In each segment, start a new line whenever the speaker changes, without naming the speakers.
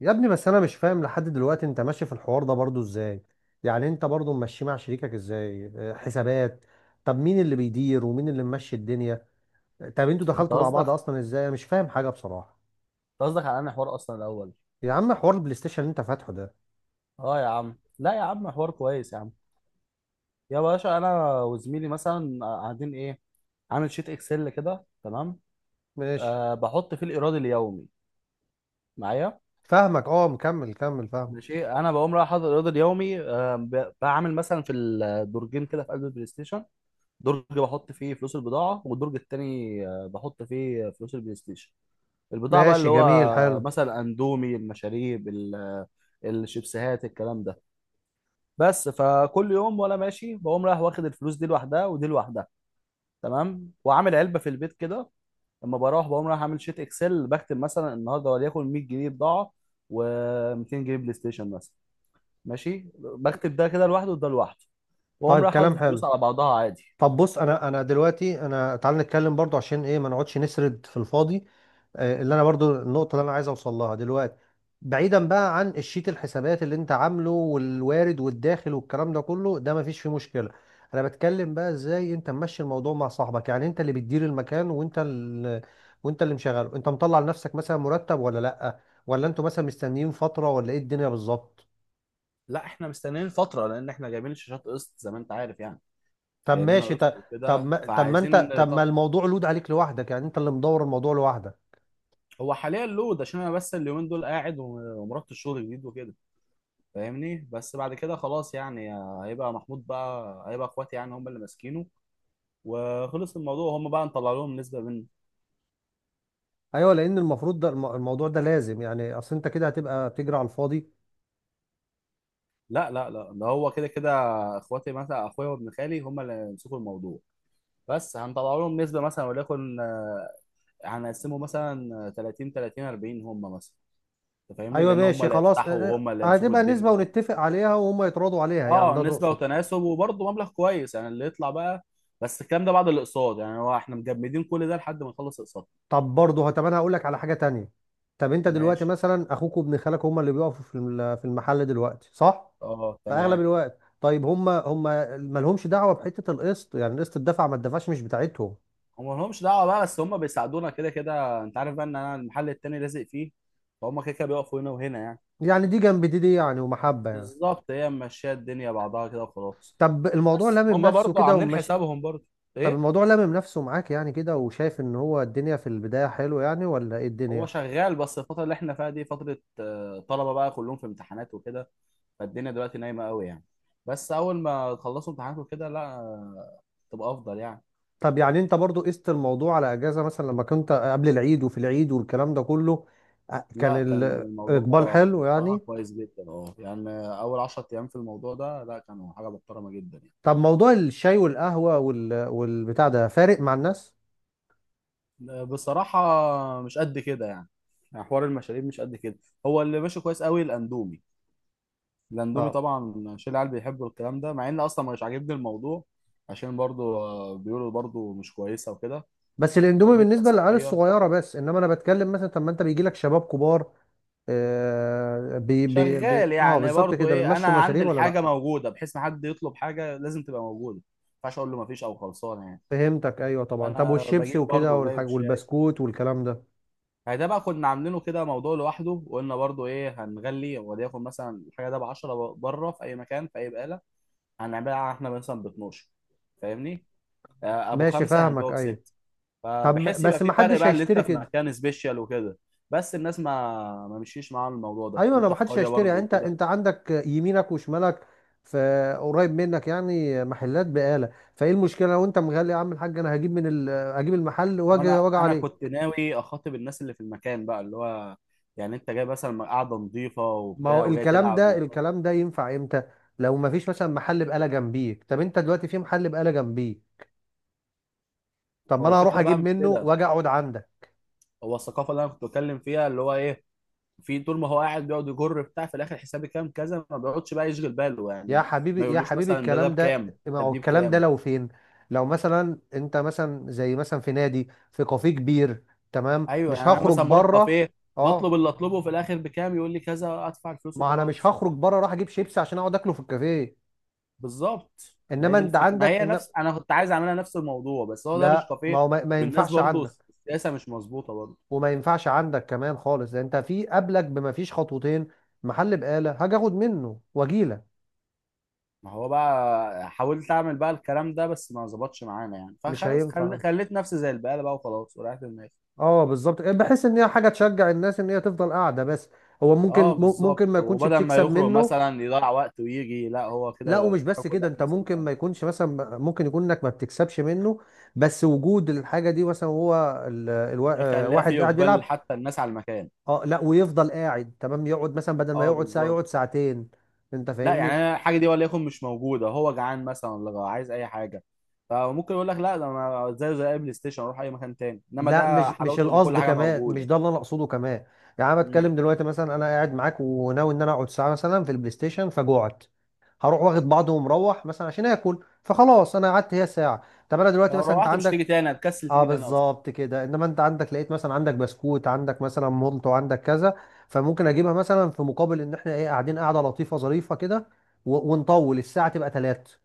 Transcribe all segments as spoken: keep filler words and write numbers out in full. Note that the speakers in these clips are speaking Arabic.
يا ابني، بس انا مش فاهم لحد دلوقتي انت ماشي في الحوار ده برضو ازاي؟ يعني انت برضو ماشي مع شريكك ازاي؟ آه، حسابات. طب مين اللي بيدير ومين اللي ممشي الدنيا؟ طب انتوا
انت
دخلتوا مع
قصدك،
بعض
انت
اصلا ازاي؟ أنا مش فاهم حاجة بصراحة.
قصدك على انا حوار اصلا الاول.
يا عم، حوار البلاي ستيشن اللي انت فاتحه ده.
اه يا عم، لا يا عم، حوار كويس يا عم. يا باشا انا وزميلي مثلا قاعدين ايه، عامل شيت اكسل كده. تمام.
ماشي،
أه بحط فيه الايراد اليومي معايا.
فاهمك. اه، مكمل كمل، فاهم.
ماشي، انا بقوم رايح حاطط الايراد اليومي. أه ب- بعمل مثلا في الدرجين كده في قلب البلاي ستيشن، درج بحط فيه فلوس البضاعه، والدرج التاني آه، بحط فيه فلوس البلاي ستيشن. البضاعه بقى
ماشي،
اللي
جميل،
هو
حلو.
مثلا اندومي، المشاريب، ال- الشيبسيهات، الكلام ده. بس فكل يوم وانا ماشي بقوم رايح واخد الفلوس دي لوحدها ودي لوحدها. تمام، وعامل علبه في البيت كده. لما بروح بقوم رايح اعمل شيت اكسل، بكتب مثلا النهارده وليكن مية جنيه بضاعه و200 جنيه بلاي ستيشن مثلا. ماشي، بكتب ده كده لوحده وده لوحده، واقوم
طيب،
رايح حاطط
كلام
الفلوس
حلو.
على بعضها عادي.
طب بص، انا انا دلوقتي، انا تعال نتكلم برضو عشان ايه ما نقعدش نسرد في الفاضي. آه، اللي انا برضو النقطه اللي انا عايز اوصل لها دلوقتي. بعيدا بقى عن الشيت، الحسابات اللي انت عامله والوارد والداخل والكلام ده كله، ده ما فيش فيه مشكله. انا بتكلم بقى ازاي انت ممشي الموضوع مع صاحبك. يعني انت اللي بتدير المكان وانت اللي وانت اللي مشغله، انت مطلع لنفسك مثلا مرتب ولا لا؟ ولا انتوا مثلا مستنيين فتره، ولا ايه الدنيا بالظبط؟
لا، احنا مستنيين فتره لان احنا جايبين الشاشات قسط، زي ما انت عارف يعني.
طب
جايبينها
ماشي،
قسط
طب. طب
وكده
ما طب ما
فعايزين.
انت طب ما
طب
الموضوع لود عليك لوحدك، يعني انت اللي مدور الموضوع لوحدك.
هو حاليا لود عشان انا بس اليومين دول قاعد، وم- ومرات الشغل جديد وكده، فاهمني. بس بعد كده خلاص يعني، آه، هيبقى محمود بقى، هيبقى اخواتي يعني هم اللي ماسكينه، وخلص الموضوع. هم بقى نطلع لهم نسبة منه.
ايوه لان المفروض ده الم- الموضوع ده لازم، يعني اصل انت كده هتبقى بتجري على الفاضي.
لا لا لا، ده هو كده كده. اخواتي مثلا، اخويا وابن خالي، هم اللي يمسكوا الموضوع، بس هنطلع لهم نسبة مثلا، وليكن آه، هنقسمه مثلا تلاتين تلاتين اربعين هم مثلا. انت فاهمني،
ايوه
لان هم
ماشي،
اللي
خلاص.
يفتحوا
اه،
وهم اللي
اه،
يمسكوا
هتبقى نسبة
الدنيا و...
ونتفق عليها وهم يتراضوا عليها، يعني
اه،
ده
نسبة
تقصد؟
وتناسب، وبرضه مبلغ كويس يعني اللي يطلع بقى. بس الكلام ده بعد الاقساط يعني، هو احنا مجمدين كل ده لحد ما نخلص اقساط.
طب برضه، طب انا هقول لك على حاجة تانية. طب انت دلوقتي
ماشي.
مثلا اخوك وابن خالك هم اللي بيقفوا في الم- في المحل دلوقتي، صح؟
اه
في اغلب
تمام.
الوقت. طيب، هم هم مالهمش دعوة بحتة القسط، يعني قسط الدفع ما الدفعش مش بتاعتهم.
هم لهمش دعوه بقى، بس هم بيساعدونا كده كده، انت عارف بقى ان انا المحل التاني لازق فيه، فهم كده كده بيقفوا هنا وهنا يعني.
يعني دي جنب دي دي يعني ومحبة يعني.
بالظبط، هي ماشيه الدنيا بعضها كده وخلاص.
طب الموضوع
بس
لامم
هم
نفسه
برضو
كده
عاملين
وماشي.
حسابهم برضو.
طب
ايه.
الموضوع لامم نفسه معاك يعني كده، وشايف ان هو الدنيا في البداية حلو يعني، ولا ايه
هو
الدنيا؟
شغال، بس الفتره اللي احنا فيها دي فتره آه، طلبه بقى كلهم في امتحانات وكده، فالدنيا دلوقتي نايمه قوي يعني. بس اول ما تخلصوا امتحانات وكده، لا آه، تبقى افضل يعني.
طب يعني انت برضو قست الموضوع على اجازة، مثلا لما كنت قبل العيد وفي العيد والكلام ده كله. أ- كان
لا، كان
الاقبال
الموضوع
حلو
بصراحه
يعني.
كويس جدا اه يعني. اول 10 ايام في الموضوع ده لا، كانوا حاجه محترمه جدا يعني.
طب موضوع الشاي والقهوة وال... والبتاع ده فارق مع الناس؟
بصراحة مش قد كده يعني، يعني حوار المشاريب مش قد كده. هو اللي ماشي كويس قوي الاندومي. الاندومي
اه.
طبعا، شيل العيال بيحبوا الكلام ده، مع ان اصلا مش عاجبني الموضوع عشان برضو آه، بيقولوا برضو مش كويسة وكده،
بس الاندومي
فاهمني،
بالنسبة للعيال
كصحية.
الصغيرة بس، انما انا بتكلم مثلا طب ما انت بيجي لك شباب كبار. آه بي... بي... بي...
شغال
اه
يعني
بالظبط
برضو.
كده،
ايه، انا
بيمشوا
عندي
المشاريب ولا
الحاجة
لا؟
موجودة بحيث ما حد يطلب حاجة لازم تبقى موجودة، ما ينفعش اقول له ما فيش او خلصانة يعني.
فهمتك، ايوه طبعا. طب
فانا
والشيبسي
بجيب
وكده
برضو، جايب
والحاج والبسكوت والكلام ده؟
يعني. ده بقى كنا عاملينه كده موضوع لوحده، وقلنا برضو ايه، هنغلي، وليكن مثلا الحاجه ده ب عشرة بره في اي مكان في اي بقاله، هنعملها احنا مثلا ب اثنا عشر، فاهمني. آه، ابو
ماشي،
خمسه
فاهمك.
هنبيعه
ايوه.
بست.
طب ما-
فبحس يبقى
بس
في
ما
فرق
حدش
بقى اللي انت
هيشتري
في
كده.
مكان سبيشال وكده. بس الناس ما ما مشيش معاهم الموضوع ده،
ايوه، انا
انت
ما
في
حدش
قريه
هيشتري
برضو
يعني. انت
وكده.
انت عندك يمينك وشمالك في قريب منك، يعني محلات بقالة. فايه المشكله لو انت مغلي يا عم الحاج، انا هجيب من ال... هجيب المحل واجي،
وانا
واجي
انا
عليه.
كنت ناوي اخاطب الناس اللي في المكان بقى، اللي هو يعني انت جاي مثلا قاعده نظيفه
ما هو
وبتاع وجاي
الكلام
تلعب
ده
وبتاع.
الكلام ده ينفع امتى؟ لو ما فيش مثلا محل بقالة جنبيك. طب انت دلوقتي في محل بقالة جنبيك. طب ما
هو
انا هروح
الفكره
اجيب
بقى مش
منه
كده.
واجي اقعد عندك.
هو الثقافه اللي انا كنت بتكلم فيها اللي هو ايه، في طول ما هو قاعد بيقعد يجر بتاع، في الاخر حسابي كام كذا، ما بيقعدش بقى يشغل باله
يا
يعني. ما
حبيبي يا
يقولوش
حبيبي،
مثلا ده ده
الكلام ده،
بكام،
ما
طب
هو
دي
الكلام ده
بكام.
لو فين؟ لو مثلا انت مثلا زي مثلا في نادي، في كافيه كبير. تمام،
ايوه
مش
يعني انا
هخرج
مثلا بروح
بره.
كافيه، بطلب
اه،
اللي اطلبه، في الاخر بكام، يقول لي كذا، ادفع الفلوس
ما انا مش
وخلاص.
هخرج بره اروح اجيب شيبسي عشان اقعد اكله في الكافيه.
بالظبط، ما هي
انما
دي
انت
الفكره، ما
عندك
هي
ان،
نفس، انا كنت عايز اعملها نفس الموضوع، بس هو ده مش
لا، ما
كافيه.
هو ما ما
والناس
ينفعش
برضو
عندك.
السياسه مش مظبوطه برضو.
وما ينفعش عندك كمان خالص، ده انت في قبلك بما فيش خطوتين محل بقالة، هاجي اخد منه واجيلك.
ما هو بقى حاولت اعمل بقى الكلام ده، بس ما ظبطش معانا يعني،
مش
فخلاص،
هينفع.
خل... خليت نفسي زي البقاله بقى، وخلاص وريحت دماغي.
اه بالظبط، بحس ان هي حاجه تشجع الناس ان هي تفضل قاعده بس. هو ممكن
اه
مم-
بالظبط،
ممكن ما يكونش
وبدل ما
بتكسب
يخرج
منه.
مثلا يضيع وقت ويجي، لا هو
لا،
كده
ومش
الحاجه
بس كده.
كلها في
انت
نفس
ممكن
المكان،
ما يكونش مثلا، ممكن يكون انك ما بتكسبش منه. بس وجود الحاجه دي مثلا هو ال... الوا... آه،
يخليها في
واحد قاعد
اقبال
بيلعب.
حتى الناس على المكان.
اه لا، ويفضل قاعد، تمام. يقعد مثلا بدل ما
اه
يقعد ساعه
بالظبط.
يقعد ساعتين. انت
لا يعني،
فاهمني.
انا الحاجه دي وليكن مش موجوده، هو جعان مثلا ولا عايز اي حاجه، فممكن يقول لك لا، ده انا زيه زي اي بلاي ستيشن، اروح اي مكان تاني. انما
لا،
ده
مش مش
حلاوته ان كل
القصد
حاجه
كمان، مش
موجوده.
ده اللي انا اقصده كمان. يعني انا
مم.
بتكلم دلوقتي مثلا، انا قاعد معاك وناوي ان انا اقعد ساعه مثلا في البلاي ستيشن، فجوعت. هروح واخد بعضه ومروح مثلا عشان اكل. فخلاص، انا قعدت هي ساعه. طب انا دلوقتي
فلو
مثلا، انت
روحت مش تيجي
عندك.
تاني، هتكسل
اه
تيجي تاني اصلا.
بالظبط كده، انما انت عندك لقيت مثلا، عندك بسكوت، عندك مثلا مولت، وعندك كذا. فممكن اجيبها مثلا في مقابل ان احنا، ايه، قاعدين قاعده لطيفه ظريفه كده. و- ونطول الساعه تبقى ثلاث.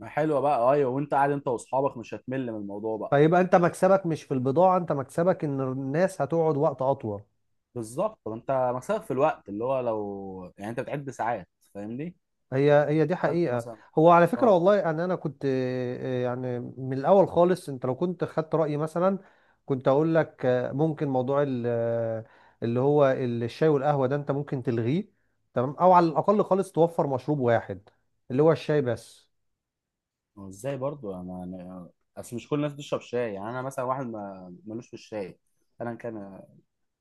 ما حلوه بقى، ايوه، وانت قاعد انت واصحابك مش هتمل من الموضوع بقى.
فيبقى انت مكسبك مش في البضاعه، انت مكسبك ان الناس هتقعد وقت اطول.
بالظبط، طب انت مكسبك في الوقت، اللي هو لو يعني انت بتعد ساعات، فاهمني،
هي، هي دي
تالتة
حقيقة.
مثلا.
هو على فكرة
اه.
والله، أنا أنا كنت، آه، يعني من الأول خالص، أنت لو كنت خدت رأيي مثلا كنت أقول لك، آه، ممكن موضوع ال- آه، اللي هو الشاي والقهوة ده أنت ممكن تلغيه. تمام، أو على الأقل خالص توفر مشروب واحد، اللي هو الشاي بس.
هو ازاي برضو انا يعني، اصل مش كل الناس بتشرب شاي يعني. انا مثلا واحد ما ملوش في الشاي. انا كان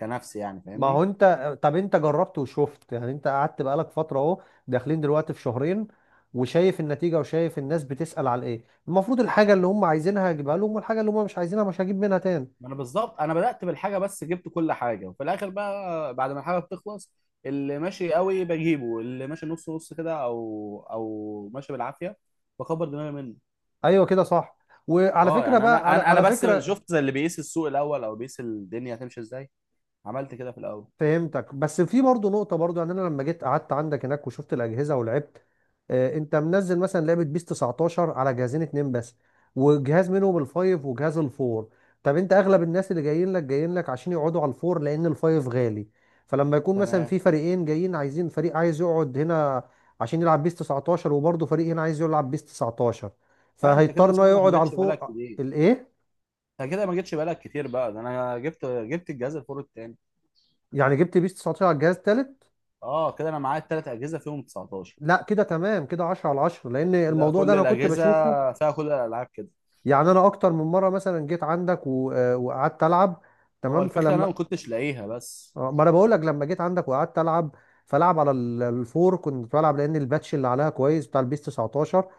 كنفسي يعني،
ما هو
فاهمني.
أنت، طب أنت جربت وشفت يعني، أنت قعدت بقالك فترة، أهو داخلين دلوقتي في شهرين. وشايف النتيجة وشايف الناس بتسأل على إيه. المفروض الحاجة اللي هم عايزينها هجيبها لهم، والحاجة اللي هم مش عايزينها مش هجيب منها تاني.
ما انا بالظبط، انا بدأت بالحاجة، بس جبت كل حاجة، وفي الاخر بقى بعد ما الحاجة بتخلص، اللي ماشي قوي بجيبه، اللي ماشي نص نص كده او او ماشي بالعافية، بكبر دماغي منه.
ايوه، كده صح. وعلى
اه
فكره
يعني
بقى،
انا
على
انا انا
على
بس
فكره.
شفت زي اللي بيقيس السوق الاول، او بيقيس الدنيا هتمشي ازاي، عملت كده في الاول.
فهمتك، بس في برضه نقطه برضه. يعني انا لما جيت قعدت عندك هناك وشفت الاجهزه ولعبت. آه، انت منزل مثلا لعبه بيس تسعتاشر على جهازين اتنين بس، وجهاز منهم الفايف وجهاز الفور. طب انت، اغلب الناس اللي جايين لك، جايين لك عشان يقعدوا على الفور لان الفايف غالي. فلما يكون مثلا
تمام.
في فريقين جايين عايزين، فريق عايز يقعد هنا عشان يلعب بيس تسعتاشر، وبرضه فريق هنا عايز يلعب بيس تسعتاشر.
لا انت
فهيضطر
كده
ان هو
شكلك
يقعد
ما
على
جتش بالك
الفوق.
كتير.
الايه؟
انت كده ما جيتش بالك كتير بقى، ده انا جبت جبت الجهاز الفور التاني.
يعني جبت بيس تسعتاشر على الجهاز التالت؟
اه كده، انا معايا التلات اجهزه فيهم تسعتاشر
لا، كده تمام. كده عشرة على عشرة، لان
كده،
الموضوع ده
كل
انا كنت
الاجهزه
بشوفه.
فيها كل الالعاب كده.
يعني انا اكتر من مره مثلا جيت عندك و- آه، وقعدت العب.
هو
تمام،
الفكره انا
فلما،
ما كنتش لاقيها بس.
آه، ما انا بقول لك لما جيت عندك وقعدت العب. فلعب على ال- الفور كنت بلعب، لان الباتش اللي عليها كويس بتاع البيس تسعتاشر.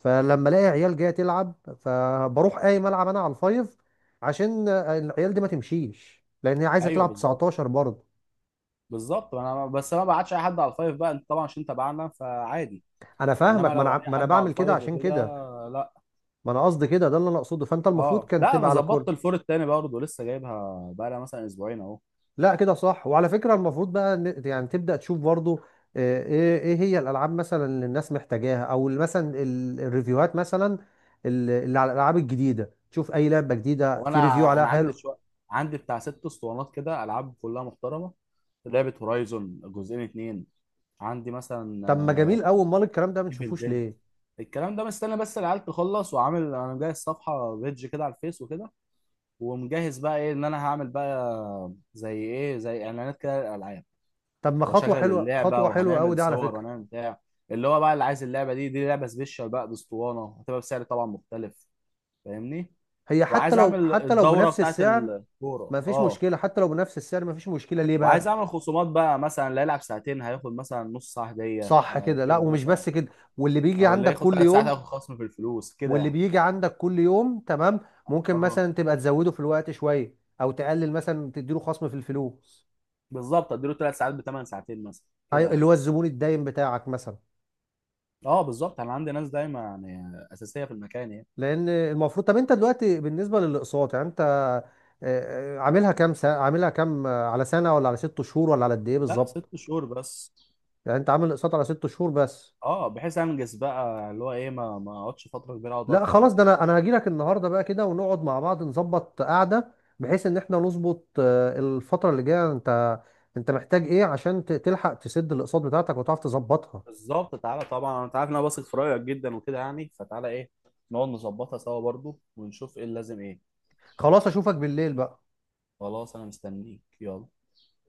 فلما الاقي عيال جايه تلعب فبروح قايم العب انا على الفايف، عشان آه، العيال دي ما تمشيش، لان هي عايزه
ايوه
تلعب
بالظبط.
تسعتاشر برضه.
بالظبط انا بس، انا ما بعتش اي حد على الفايف بقى، انت طبعا عشان تبعنا فعادي.
انا
انما
فاهمك، ما انا
لو
ع-
اي
ما انا
حد على
بعمل كده
الفايف
عشان
وكده،
كده.
لا.
ما انا قصدي كده، ده اللي انا اقصده. فانت المفروض
اه
كان
لا، انا
تبقى على كل.
ظبطت الفور التاني برضه، لسه جايبها بقى لها مثلا اسبوعين اهو.
لا، كده صح. وعلى فكرة المفروض بقى ن- يعني تبدأ تشوف برضو، آه، ايه ايه هي الالعاب مثلا اللي الناس محتاجاها، او ال- مثلا ال- الريفيوهات مثلا، ال- اللي على الالعاب الجديدة. تشوف اي لعبة جديدة
هو انا
في ريفيو عليها
انا عندي
حلو.
شويه، عندي بتاع ست اسطوانات كده العاب كلها محترمه. لعبه هورايزون جزئين اتنين. عندي مثلا
طب ما جميل قوي، امال الكلام ده ما
ايفل
نشوفوش
ديد.
ليه؟
الكلام ده مستني بس العيال تخلص، وعامل انا مجهز صفحه بيدج كده على الفيس وكده، ومجهز بقى ايه، ان انا هعمل بقى زي ايه، زي اعلانات كده للالعاب.
طب ما خطوة
واشغل
حلوة،
اللعبه
خطوة حلوة قوي
وهنعمل
دي على
صور
فكرة.
وهنعمل بتاع. اللي هو بقى اللي عايز اللعبه دي، دي لعبه سبيشال بقى باسطوانه، هتبقى بسعر طبعا مختلف، فاهمني.
هي حتى
وعايز
لو
اعمل
حتى لو
الدوره
بنفس
بتاعت
السعر،
الكوره،
ما فيش
اه،
مشكلة. حتى لو بنفس السعر ما فيش مشكلة، ليه بقى؟
وعايز اعمل خصومات بقى، مثلا اللي هيلعب ساعتين هياخد مثلا نص ساعه هديه
صح
آه
كده. لا،
كده
ومش
مثلا.
بس كده. واللي بيجي
او اللي
عندك
هياخد
كل
ثلاث ساعات
يوم،
هياخد خصم في الفلوس كده
واللي
يعني.
بيجي عندك كل يوم، تمام. ممكن
اه
مثلا تبقى تزوده في الوقت شويه، او تقلل مثلا تديله خصم في الفلوس.
بالظبط، اديله ثلاث ساعات بثمان ساعتين مثلا كده
ايوه، اللي
يعني.
هو الزبون الدايم بتاعك مثلا.
اه بالظبط، انا عندي ناس دايما يعني اساسيه في المكان يعني.
لان المفروض. طب انت دلوقتي بالنسبه للاقساط، يعني انت آه، آه، عاملها كام سنه، عاملها كام، آه، على سنه ولا على ست شهور ولا على قد ايه
لا،
بالظبط؟
ست شهور بس.
يعني انت عامل اقساط على ست شهور بس؟
اه، بحيث انجز بقى اللي هو ايه، ما ما اقعدش فتره كبيره اقعد
لا
ادفع
خلاص، ده
وكده.
انا انا هاجي لك النهارده بقى كده ونقعد مع بعض نظبط قعده، بحيث ان احنا نظبط آه، الفتره اللي جايه. انت انت محتاج ايه عشان ت- تلحق تسد الاقساط بتاعتك وتعرف تظبطها؟
بالظبط، تعالى طبعا، انت عارف ان انا بثق في رايك جدا وكده يعني، فتعالى ايه، نقعد نظبطها سوا برضو، ونشوف ايه اللي لازم ايه.
خلاص، اشوفك بالليل بقى.
خلاص انا مستنيك، يلا.